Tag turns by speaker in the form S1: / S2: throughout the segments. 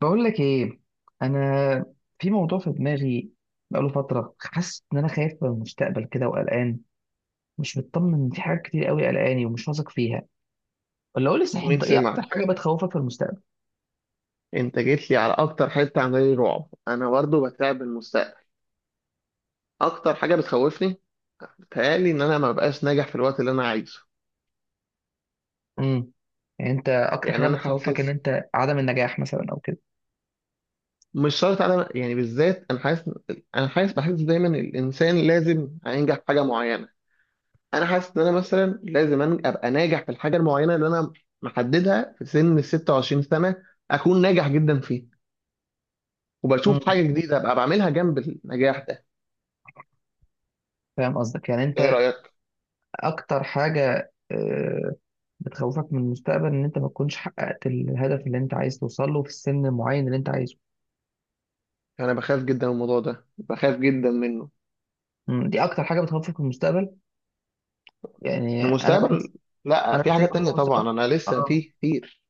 S1: بقول لك ايه، انا في موضوع في دماغي بقاله فتره. حاسس ان انا خايف من المستقبل كده وقلقان. مش مطمن في حاجات كتير قوي، قلقاني ومش واثق فيها. ولا قول لي صحيح،
S2: مين
S1: انت ايه اكتر حاجه
S2: سمعك؟
S1: بتخوفك في المستقبل؟
S2: انت جيت لي على اكتر حته عامله لي رعب. انا برضه بتعب من المستقبل. اكتر حاجه بتخوفني، بتهيألي ان انا ما ببقاش ناجح في الوقت اللي انا عايزه.
S1: امم يعني انت اكتر
S2: يعني
S1: حاجه
S2: انا
S1: بتخوفك ان
S2: حاسس،
S1: انت عدم النجاح مثلا او كده؟
S2: مش شرط انا، يعني بالذات انا حاسس، بحس دايما الانسان لازم هينجح في حاجه معينه. انا حاسس ان انا مثلا لازم ابقى ناجح في الحاجه المعينه اللي انا محددها في سن ال 26 سنه، اكون ناجح جدا فيه، وبشوف
S1: امم
S2: حاجه جديده ابقى بعملها جنب النجاح ده.
S1: فاهم قصدك. يعني
S2: ايه
S1: انت
S2: رايك؟
S1: اكتر حاجه بتخوفك من المستقبل ان انت ما تكونش حققت الهدف اللي انت عايز توصل له في السن المعين اللي انت عايزه.
S2: انا بخاف جدا من الموضوع ده، بخاف جدا منه.
S1: دي اكتر حاجه بتخوفك في المستقبل. يعني انا بحس،
S2: المستقبل، لا،
S1: انا
S2: في
S1: حاسس ان
S2: حاجات
S1: أنا بخاف من
S2: تانية
S1: المستقبل.
S2: طبعا، انا لسه في
S1: اه.
S2: كتير.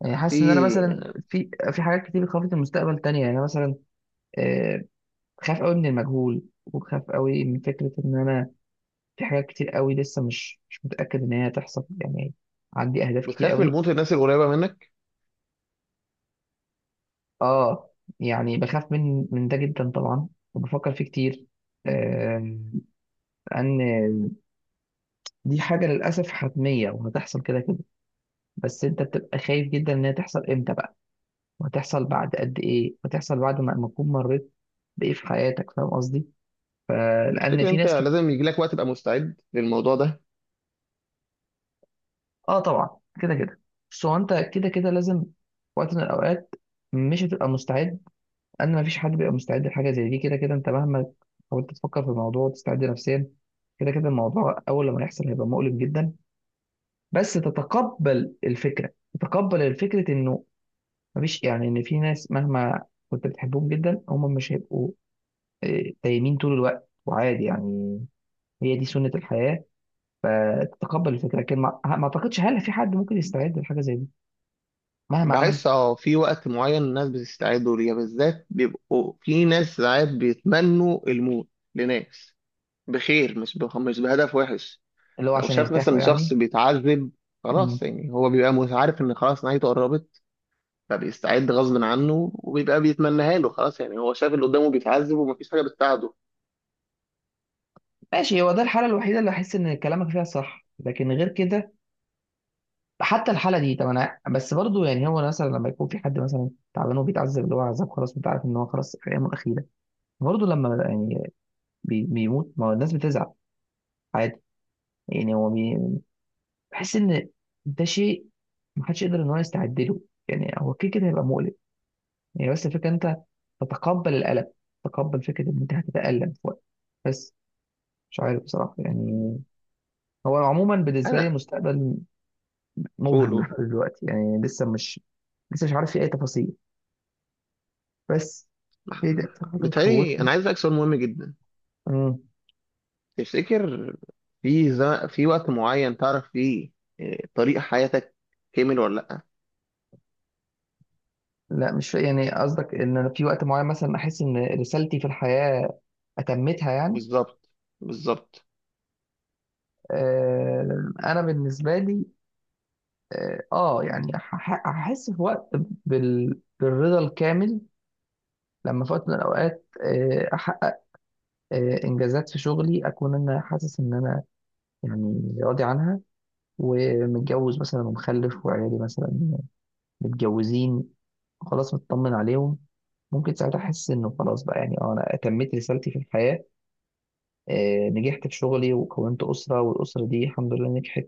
S1: يعني
S2: في
S1: حاسس ان انا مثلا في حاجات كتير بتخوفني في المستقبل تانية. يعني أنا مثلا آه، بخاف قوي من المجهول، وبخاف قوي من فكرة ان انا في حاجات كتير قوي لسه مش متأكد ان هي هتحصل يعني. عندي اهداف كتير
S2: بتخاف من
S1: قوي.
S2: الموت الناس القريبة منك؟
S1: اه، يعني بخاف من ده جدا طبعا، وبفكر فيه كتير. آه، ان دي حاجة للأسف حتمية وهتحصل كده كده. بس انت بتبقى خايف جدا ان هي تحصل امتى بقى، وهتحصل بعد قد ايه، وهتحصل بعد ما تكون مريت بايه في حياتك. فاهم قصدي؟ فلان
S2: تفتكر
S1: في
S2: انت
S1: ناس كده.
S2: لازم يجي لك وقت تبقى مستعد للموضوع ده؟
S1: اه طبعا، كده كده. بس هو انت كده كده لازم في وقت من الاوقات مش هتبقى مستعد. ان ما فيش حد بيبقى مستعد لحاجه زي دي، كده كده انت مهما حاولت تفكر في الموضوع وتستعد نفسيا، كده كده الموضوع اول لما يحصل هيبقى مؤلم جدا. بس تتقبل الفكره، تتقبل الفكره انه مفيش، يعني ان في ناس مهما كنت بتحبهم جدا هم مش هيبقوا دايمين طول الوقت، وعادي يعني. هي دي سنة الحياة. فتتقبل الفكرة، لكن ما أعتقدش هل في حد ممكن يستعد لحاجة زي دي مهما عمل.
S2: بحس اه في وقت معين الناس بتستعدوا ليه، بالذات بيبقوا في ناس ساعات بيتمنوا الموت لناس بخير، مش بهدف وحش.
S1: اللي هو
S2: لو
S1: عشان
S2: شاف
S1: يرتاح
S2: مثلا شخص
S1: يعني.
S2: بيتعذب
S1: مم.
S2: خلاص، يعني هو بيبقى عارف ان خلاص نهايته قربت، فبيستعد غصب عنه وبيبقى بيتمناها له، خلاص يعني هو شاف اللي قدامه بيتعذب ومفيش حاجة بتساعده.
S1: ماشي، هو ده الحالة الوحيدة اللي أحس إن كلامك فيها صح، لكن غير كده، حتى الحالة دي، طب أنا بس برضو، يعني هو مثلا لما يكون في حد مثلا تعبان وبيتعذب اللي هو عذاب خلاص، أنت عارف إن هو خلاص في أيامه الأخيرة، برضو لما يعني بيموت، ما هو الناس بتزعل، عادي. يعني هو بحس إن ده شيء محدش يقدر إن هو يستعد له. يعني هو كده كده هيبقى مؤلم. يعني بس الفكرة إن أنت تتقبل الألم، تتقبل فكرة إن أنت هتتألم في وقت. بس مش عارف بصراحة يعني. هو عموما بالنسبة لي
S2: انا،
S1: المستقبل
S2: قول
S1: مبهم
S2: قول.
S1: لحد دلوقتي، يعني لسه مش عارف في أي تفاصيل. بس هي دي أكتر حاجة
S2: بتهيألي
S1: بتخوفني.
S2: انا عايز اسالك سؤال مهم جدا.
S1: امم
S2: تفتكر، في ز... في وقت معين تعرف فيه إيه، طريق حياتك كامل ولا لا؟
S1: لا، مش فا- يعني قصدك إن أنا في وقت معين مثلا أحس إن رسالتي في الحياة أتمتها، يعني.
S2: بالظبط، بالظبط.
S1: آه، أنا بالنسبة لي، يعني أحس في وقت بالرضا الكامل. لما في وقت من الأوقات احقق انجازات في شغلي، اكون انا حاسس ان انا يعني راضي عنها، ومتجوز مثلا ومخلف، وعيالي مثلا متجوزين خلاص، مطمن عليهم. ممكن ساعتها احس انه خلاص بقى، يعني انا اتميت رسالتي في الحياه. نجحت في شغلي وكونت اسره، والاسره دي الحمد لله نجحت،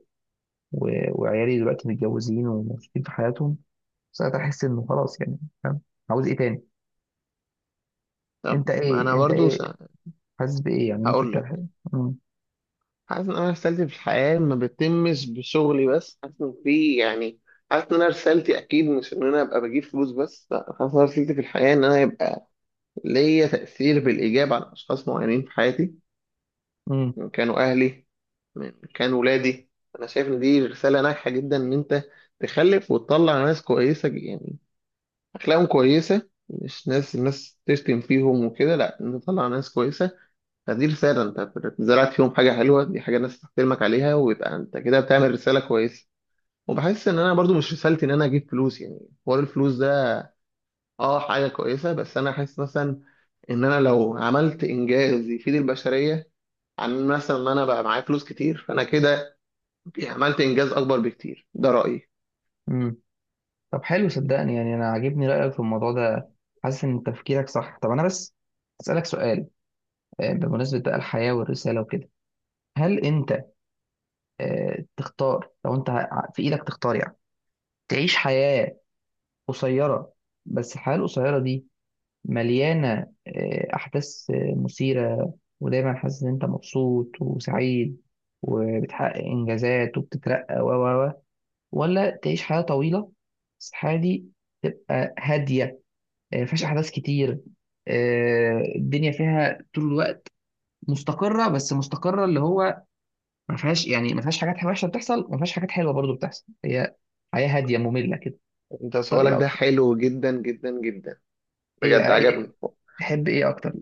S1: وعيالي دلوقتي متجوزين ومبسوطين في حياتهم. ساعتها احس انه خلاص، يعني. فاهم؟ عاوز ايه تاني؟
S2: طب
S1: انت ايه،
S2: انا
S1: انت
S2: برضو
S1: ايه، حاسس بايه، يعني ممكن
S2: هقول
S1: تحس؟
S2: لك.
S1: امم
S2: حاسس ان انا رسالتي في الحياه ما بتتمش بشغلي بس، حاسس ان في يعني، حاسس ان انا رسالتي اكيد مش ان انا ابقى بجيب فلوس بس، لا، حاسس ان أنا رسالتي في الحياه ان انا يبقى ليا تاثير بالايجاب على اشخاص معينين في حياتي، من كانوا أهلي، من كانوا ولادي. أنا شايف إن دي رسالة ناجحة جدا، إن أنت تخلف وتطلع ناس كويسة، يعني أخلاقهم كويسة، مش ناس الناس تشتم فيهم وكده، لا، انت تطلع ناس كويسة. فدي رسالة، أنت زرعت فيهم حاجة حلوة، دي حاجة الناس تحترمك عليها، ويبقى أنت كده بتعمل رسالة كويسة. وبحس إن أنا برضو مش رسالتي إن أنا أجيب فلوس يعني، حوار الفلوس ده أه حاجة كويسة، بس أنا حاسس مثلا إن أنا لو عملت إنجاز يفيد البشرية، عن مثلا ان انا بقى معايا فلوس كتير، فانا كده عملت انجاز اكبر بكتير، ده رايي.
S1: امم طب حلو، صدقني يعني، انا عاجبني رايك في الموضوع ده. حاسس ان تفكيرك صح. طب انا بس اسالك سؤال، بمناسبه بقى الحياه والرساله وكده، هل انت تختار لو انت في ايدك تختار، يعني تعيش حياه قصيره، بس الحياه القصيره دي مليانه احداث مثيره، ودايما حاسس ان انت مبسوط وسعيد، وبتحقق انجازات وبتترقى و و و ولا تعيش حياه طويله، بس الحياه دي تبقى هاديه، مفيهاش احداث كتير، الدنيا فيها طول الوقت مستقره، بس مستقره اللي هو ما فيهاش، يعني ما فيهاش حاجات وحشه بتحصل، وما فيهاش حاجات حلوه برضو بتحصل، هي حياه هاديه ممله كده.
S2: انت
S1: اختار ايه
S2: سؤالك ده
S1: اكتر؟
S2: حلو جدا جدا جدا،
S1: ايه
S2: بجد
S1: بقى، ايه
S2: عجبني.
S1: تحب ايه اكتر؟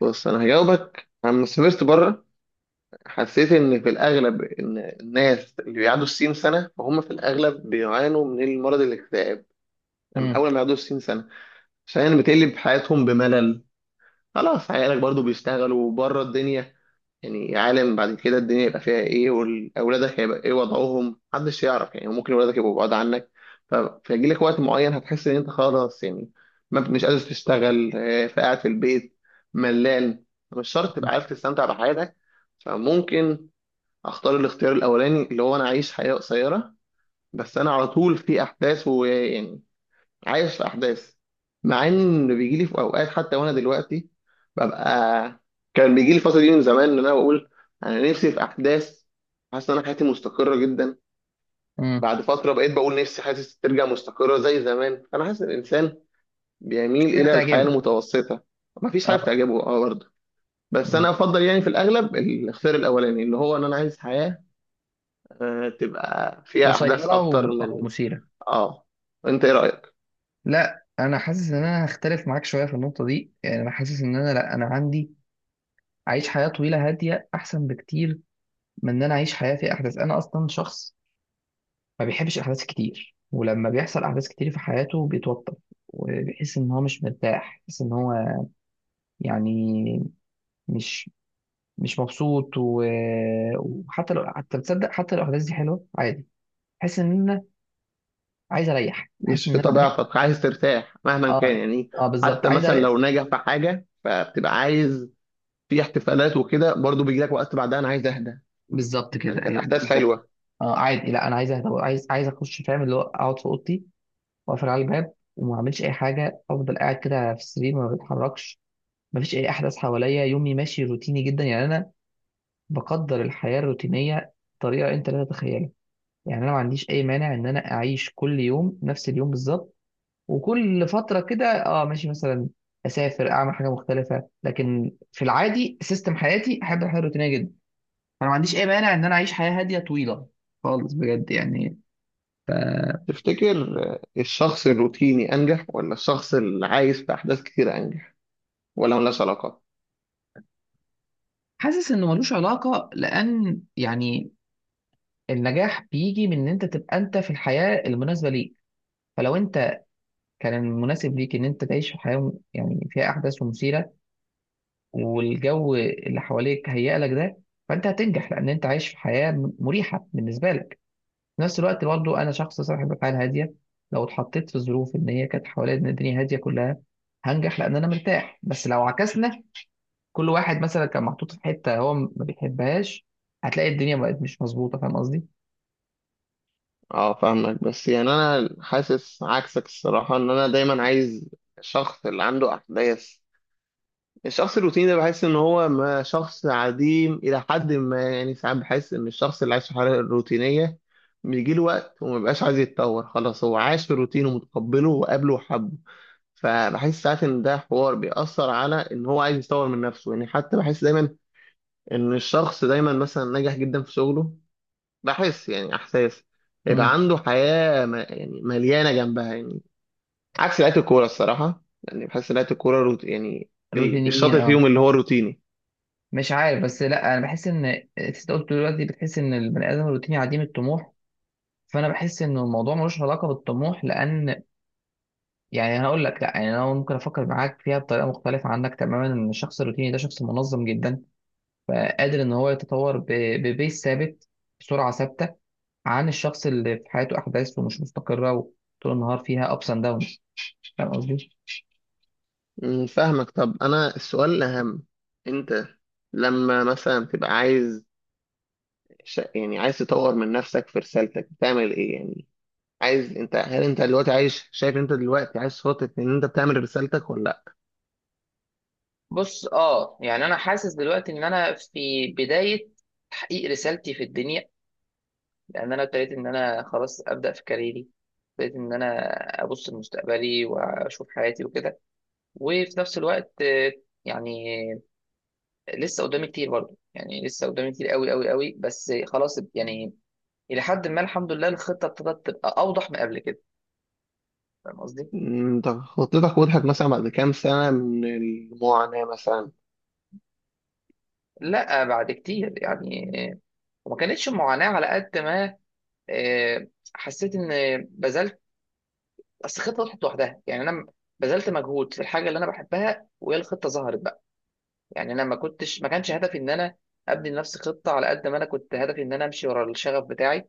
S2: بص انا هجاوبك. لما سافرت بره حسيت ان في الاغلب ان الناس اللي بيعدوا الستين سنه فهم في الاغلب بيعانوا من المرض الاكتئاب. أما
S1: امم
S2: اول ما يعدوا الستين سنه، عشان بتقلب حياتهم بملل، خلاص عيالك برضو بيشتغلوا بره الدنيا، يعني عالم بعد كده الدنيا يبقى فيها ايه، واولادك هيبقى ايه وضعهم، محدش يعرف، يعني ممكن اولادك يبقوا بعاد عنك. ف- فيجي لك وقت معين هتحس ان انت خلاص، يعني ما، مش قادر تشتغل، فقاعد في البيت ملان، مش شرط تبقى عارف تستمتع بحياتك. فممكن اختار الاختيار الاولاني، اللي هو انا اعيش حياة قصيرة بس انا على طول في احداث، ويعني عايش في احداث. مع ان بيجي لي في اوقات، حتى وانا دلوقتي ببقى، كان بيجي لي الفتره دي من زمان ان انا بقول انا نفسي في احداث، حاسس ان انا حياتي مستقره جدا.
S1: امم
S2: بعد فتره بقيت بقول نفسي حاسس ترجع مستقره زي زمان، فانا حاسس ان الانسان
S1: مش
S2: بيميل
S1: حاجه
S2: الى الحياه
S1: بتعجبه.
S2: المتوسطه، مفيش حاجه
S1: اه.
S2: بتعجبه اه برضه. بس انا
S1: مم.
S2: افضل يعني في الاغلب الاختيار الاولاني، اللي هو ان انا عايز حياه تبقى فيها احداث
S1: قصيره
S2: اكتر
S1: او
S2: من،
S1: مثيره.
S2: اه. انت ايه رايك؟
S1: لا، انا حاسس ان انا هختلف معاك شويه في النقطه دي، يعني انا حاسس ان انا، لا انا عندي اعيش حياه طويله هاديه احسن بكتير من ان انا اعيش حياه فيها احداث. انا اصلا شخص ما بيحبش احداث كتير، ولما بيحصل احداث كتير في حياته بيتوتر وبيحس ان هو مش مرتاح، بيحس ان هو يعني مش مش مبسوط، وحتى لو، حتى تصدق، حتى لو الاحداث دي حلوه عادي، بحس ان انا عايز اريح، بحس
S2: مش
S1: ان
S2: في
S1: انا
S2: طبيعتك عايز ترتاح مهما
S1: اه.
S2: كان يعني.
S1: اه بالظبط،
S2: حتى
S1: عايز
S2: مثلا
S1: اريح.
S2: لو ناجح في حاجة فبتبقى عايز في احتفالات وكده، برضو بيجي لك وقت بعدها انا عايز اهدى،
S1: بالظبط
S2: يعني
S1: كده،
S2: كانت
S1: ايوه
S2: احداث
S1: بالظبط.
S2: حلوة.
S1: اه عادي، لا انا عايز اهدى، عايز عايز اخش، فاهم اللي هو اقعد في اوضتي واقفل على الباب وما اعملش اي حاجه، افضل قاعد كده في السرير ما بتحركش، مفيش اي احداث حواليا، يومي ماشي روتيني جدا. يعني انا بقدر الحياة الروتينية بطريقة أنت لا تتخيلها. يعني أنا ما عنديش أي مانع إن أنا أعيش كل يوم نفس اليوم بالظبط، وكل فترة كده أه ماشي مثلا أسافر أعمل حاجة مختلفة، لكن في العادي سيستم حياتي أحب الحياة الروتينية جدا. أنا ما عنديش أي مانع إن أنا أعيش حياة هادية طويلة خالص، بجد يعني.
S2: تفتكر، الشخص الروتيني انجح ولا الشخص اللي عايز في احداث كتير انجح؟ ولا ملهاش علاقة؟
S1: حاسس إنه ملوش علاقة، لأن يعني النجاح بيجي من إن أنت تبقى أنت في الحياة المناسبة ليك. فلو أنت كان المناسب ليك إن أنت تعيش في حياة يعني فيها أحداث ومثيرة، والجو اللي حواليك هيئ لك ده، فانت هتنجح لان انت عايش في حياه مريحه بالنسبه لك. في نفس الوقت برضه، انا شخص صاحب افعال هاديه، لو اتحطيت في ظروف ان هي كانت حواليا ان الدنيا هاديه كلها، هنجح لان انا مرتاح. بس لو عكسنا، كل واحد مثلا كان محطوط في حته هو ما بيحبهاش، هتلاقي الدنيا بقت مش مظبوطه. فاهم قصدي؟
S2: اه، فاهمك، بس يعني انا حاسس عكسك الصراحة ان انا دايما عايز الشخص اللي عنده احداث. الشخص الروتيني ده بحس ان هو ما، شخص عديم الى حد ما يعني، ساعات بحس ان الشخص اللي عايش في حاله روتينيه بيجي له وقت وما بيبقاش عايز يتطور، خلاص هو عاش في الروتين ومتقبله وقابله وحبه، فبحس ساعات ان ده حوار بيأثر على ان هو عايز يطور من نفسه يعني، حتى بحس دايما ان الشخص دايما مثلا ناجح جدا في شغله، بحس يعني احساس يبقى
S1: امم
S2: عنده حياه ما، يعني مليانه جنبها يعني. عكس لعيبه الكوره الصراحه يعني، بحس لعيبه الكوره يعني،
S1: الروتينيين،
S2: الشاطر فيهم
S1: اه.
S2: اللي هو روتيني.
S1: مش عارف، بس لا، انا بحس ان انت قلت دلوقتي بتحس ان البني ادم الروتيني عديم الطموح، فانا بحس ان الموضوع ملوش علاقه بالطموح، لان يعني انا اقول لك لا، يعني انا ممكن افكر معاك فيها بطريقه مختلفه عنك تماما، ان الشخص الروتيني ده شخص منظم جدا، فقادر ان هو يتطور ببيس ثابت، بسرعه ثابته، عن الشخص اللي في حياته احداث ومش مستقره وطول النهار فيها ابس اند داونز. فاهم قصدي؟
S2: مم، فاهمك. طب انا السؤال الاهم، انت لما مثلا تبقى عايز يعني عايز تطور من نفسك في رسالتك بتعمل ايه يعني؟ عايز انت، هل انت دلوقتي عايش، شايف انت دلوقتي عايز خطط ان انت بتعمل رسالتك ولا لا؟
S1: بص، اه يعني انا حاسس دلوقتي ان انا في بدايه تحقيق رسالتي في الدنيا، لان انا ابتديت ان انا خلاص ابدا في كاريري، ابتديت ان انا ابص لمستقبلي واشوف حياتي وكده. وفي نفس الوقت يعني لسه قدامي كتير برضه، يعني لسه قدامي كتير قوي قوي قوي، بس خلاص يعني الى حد ما الحمد لله الخطه ابتدت تبقى اوضح من قبل كده. فاهم قصدي؟
S2: مم، انت خطتك وضحت مثلا بعد كام سنة من المعاناة مثلا؟
S1: لا، بعد كتير يعني، وما كانتش معاناه على قد ما آه، حسيت ان بذلت. اصل الخطه طلعت لوحدها، يعني انا بذلت مجهود في الحاجه اللي انا بحبها وهي الخطه ظهرت بقى. يعني انا ما كانش هدفي ان انا ابني لنفسي خطه على قد ما انا كنت هدفي ان انا امشي ورا الشغف بتاعي.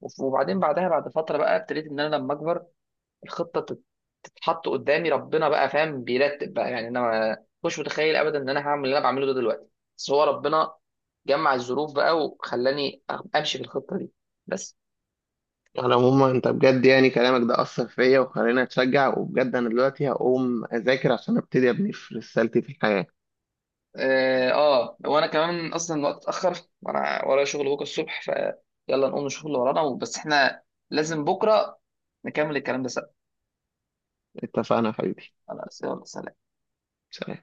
S1: وبعدين بعدها بعد فتره بقى ابتديت ان انا لما اكبر الخطه تتحط قدامي. ربنا بقى، فاهم، بيرتب بقى، يعني انا ما مش متخيل ابدا ان انا هعمل اللي انا بعمله ده دلوقتي. بس هو ربنا جمع الظروف بقى وخلاني امشي في الخطه دي. بس
S2: على العموم انت بجد يعني كلامك ده اثر فيا وخلاني اتشجع، وبجد انا دلوقتي هقوم اذاكر عشان ابتدي ابني في رسالتي في الحياة.
S1: اه، وانا كمان اصلا الوقت اتاخر، وانا ورايا شغل بكره الصبح. فيلا نقوم نشوف اللي ورانا، بس احنا لازم بكره نكمل الكلام ده سوا.
S2: اتفقنا يا حبيبي.
S1: خلاص يلا سلام.
S2: سلام.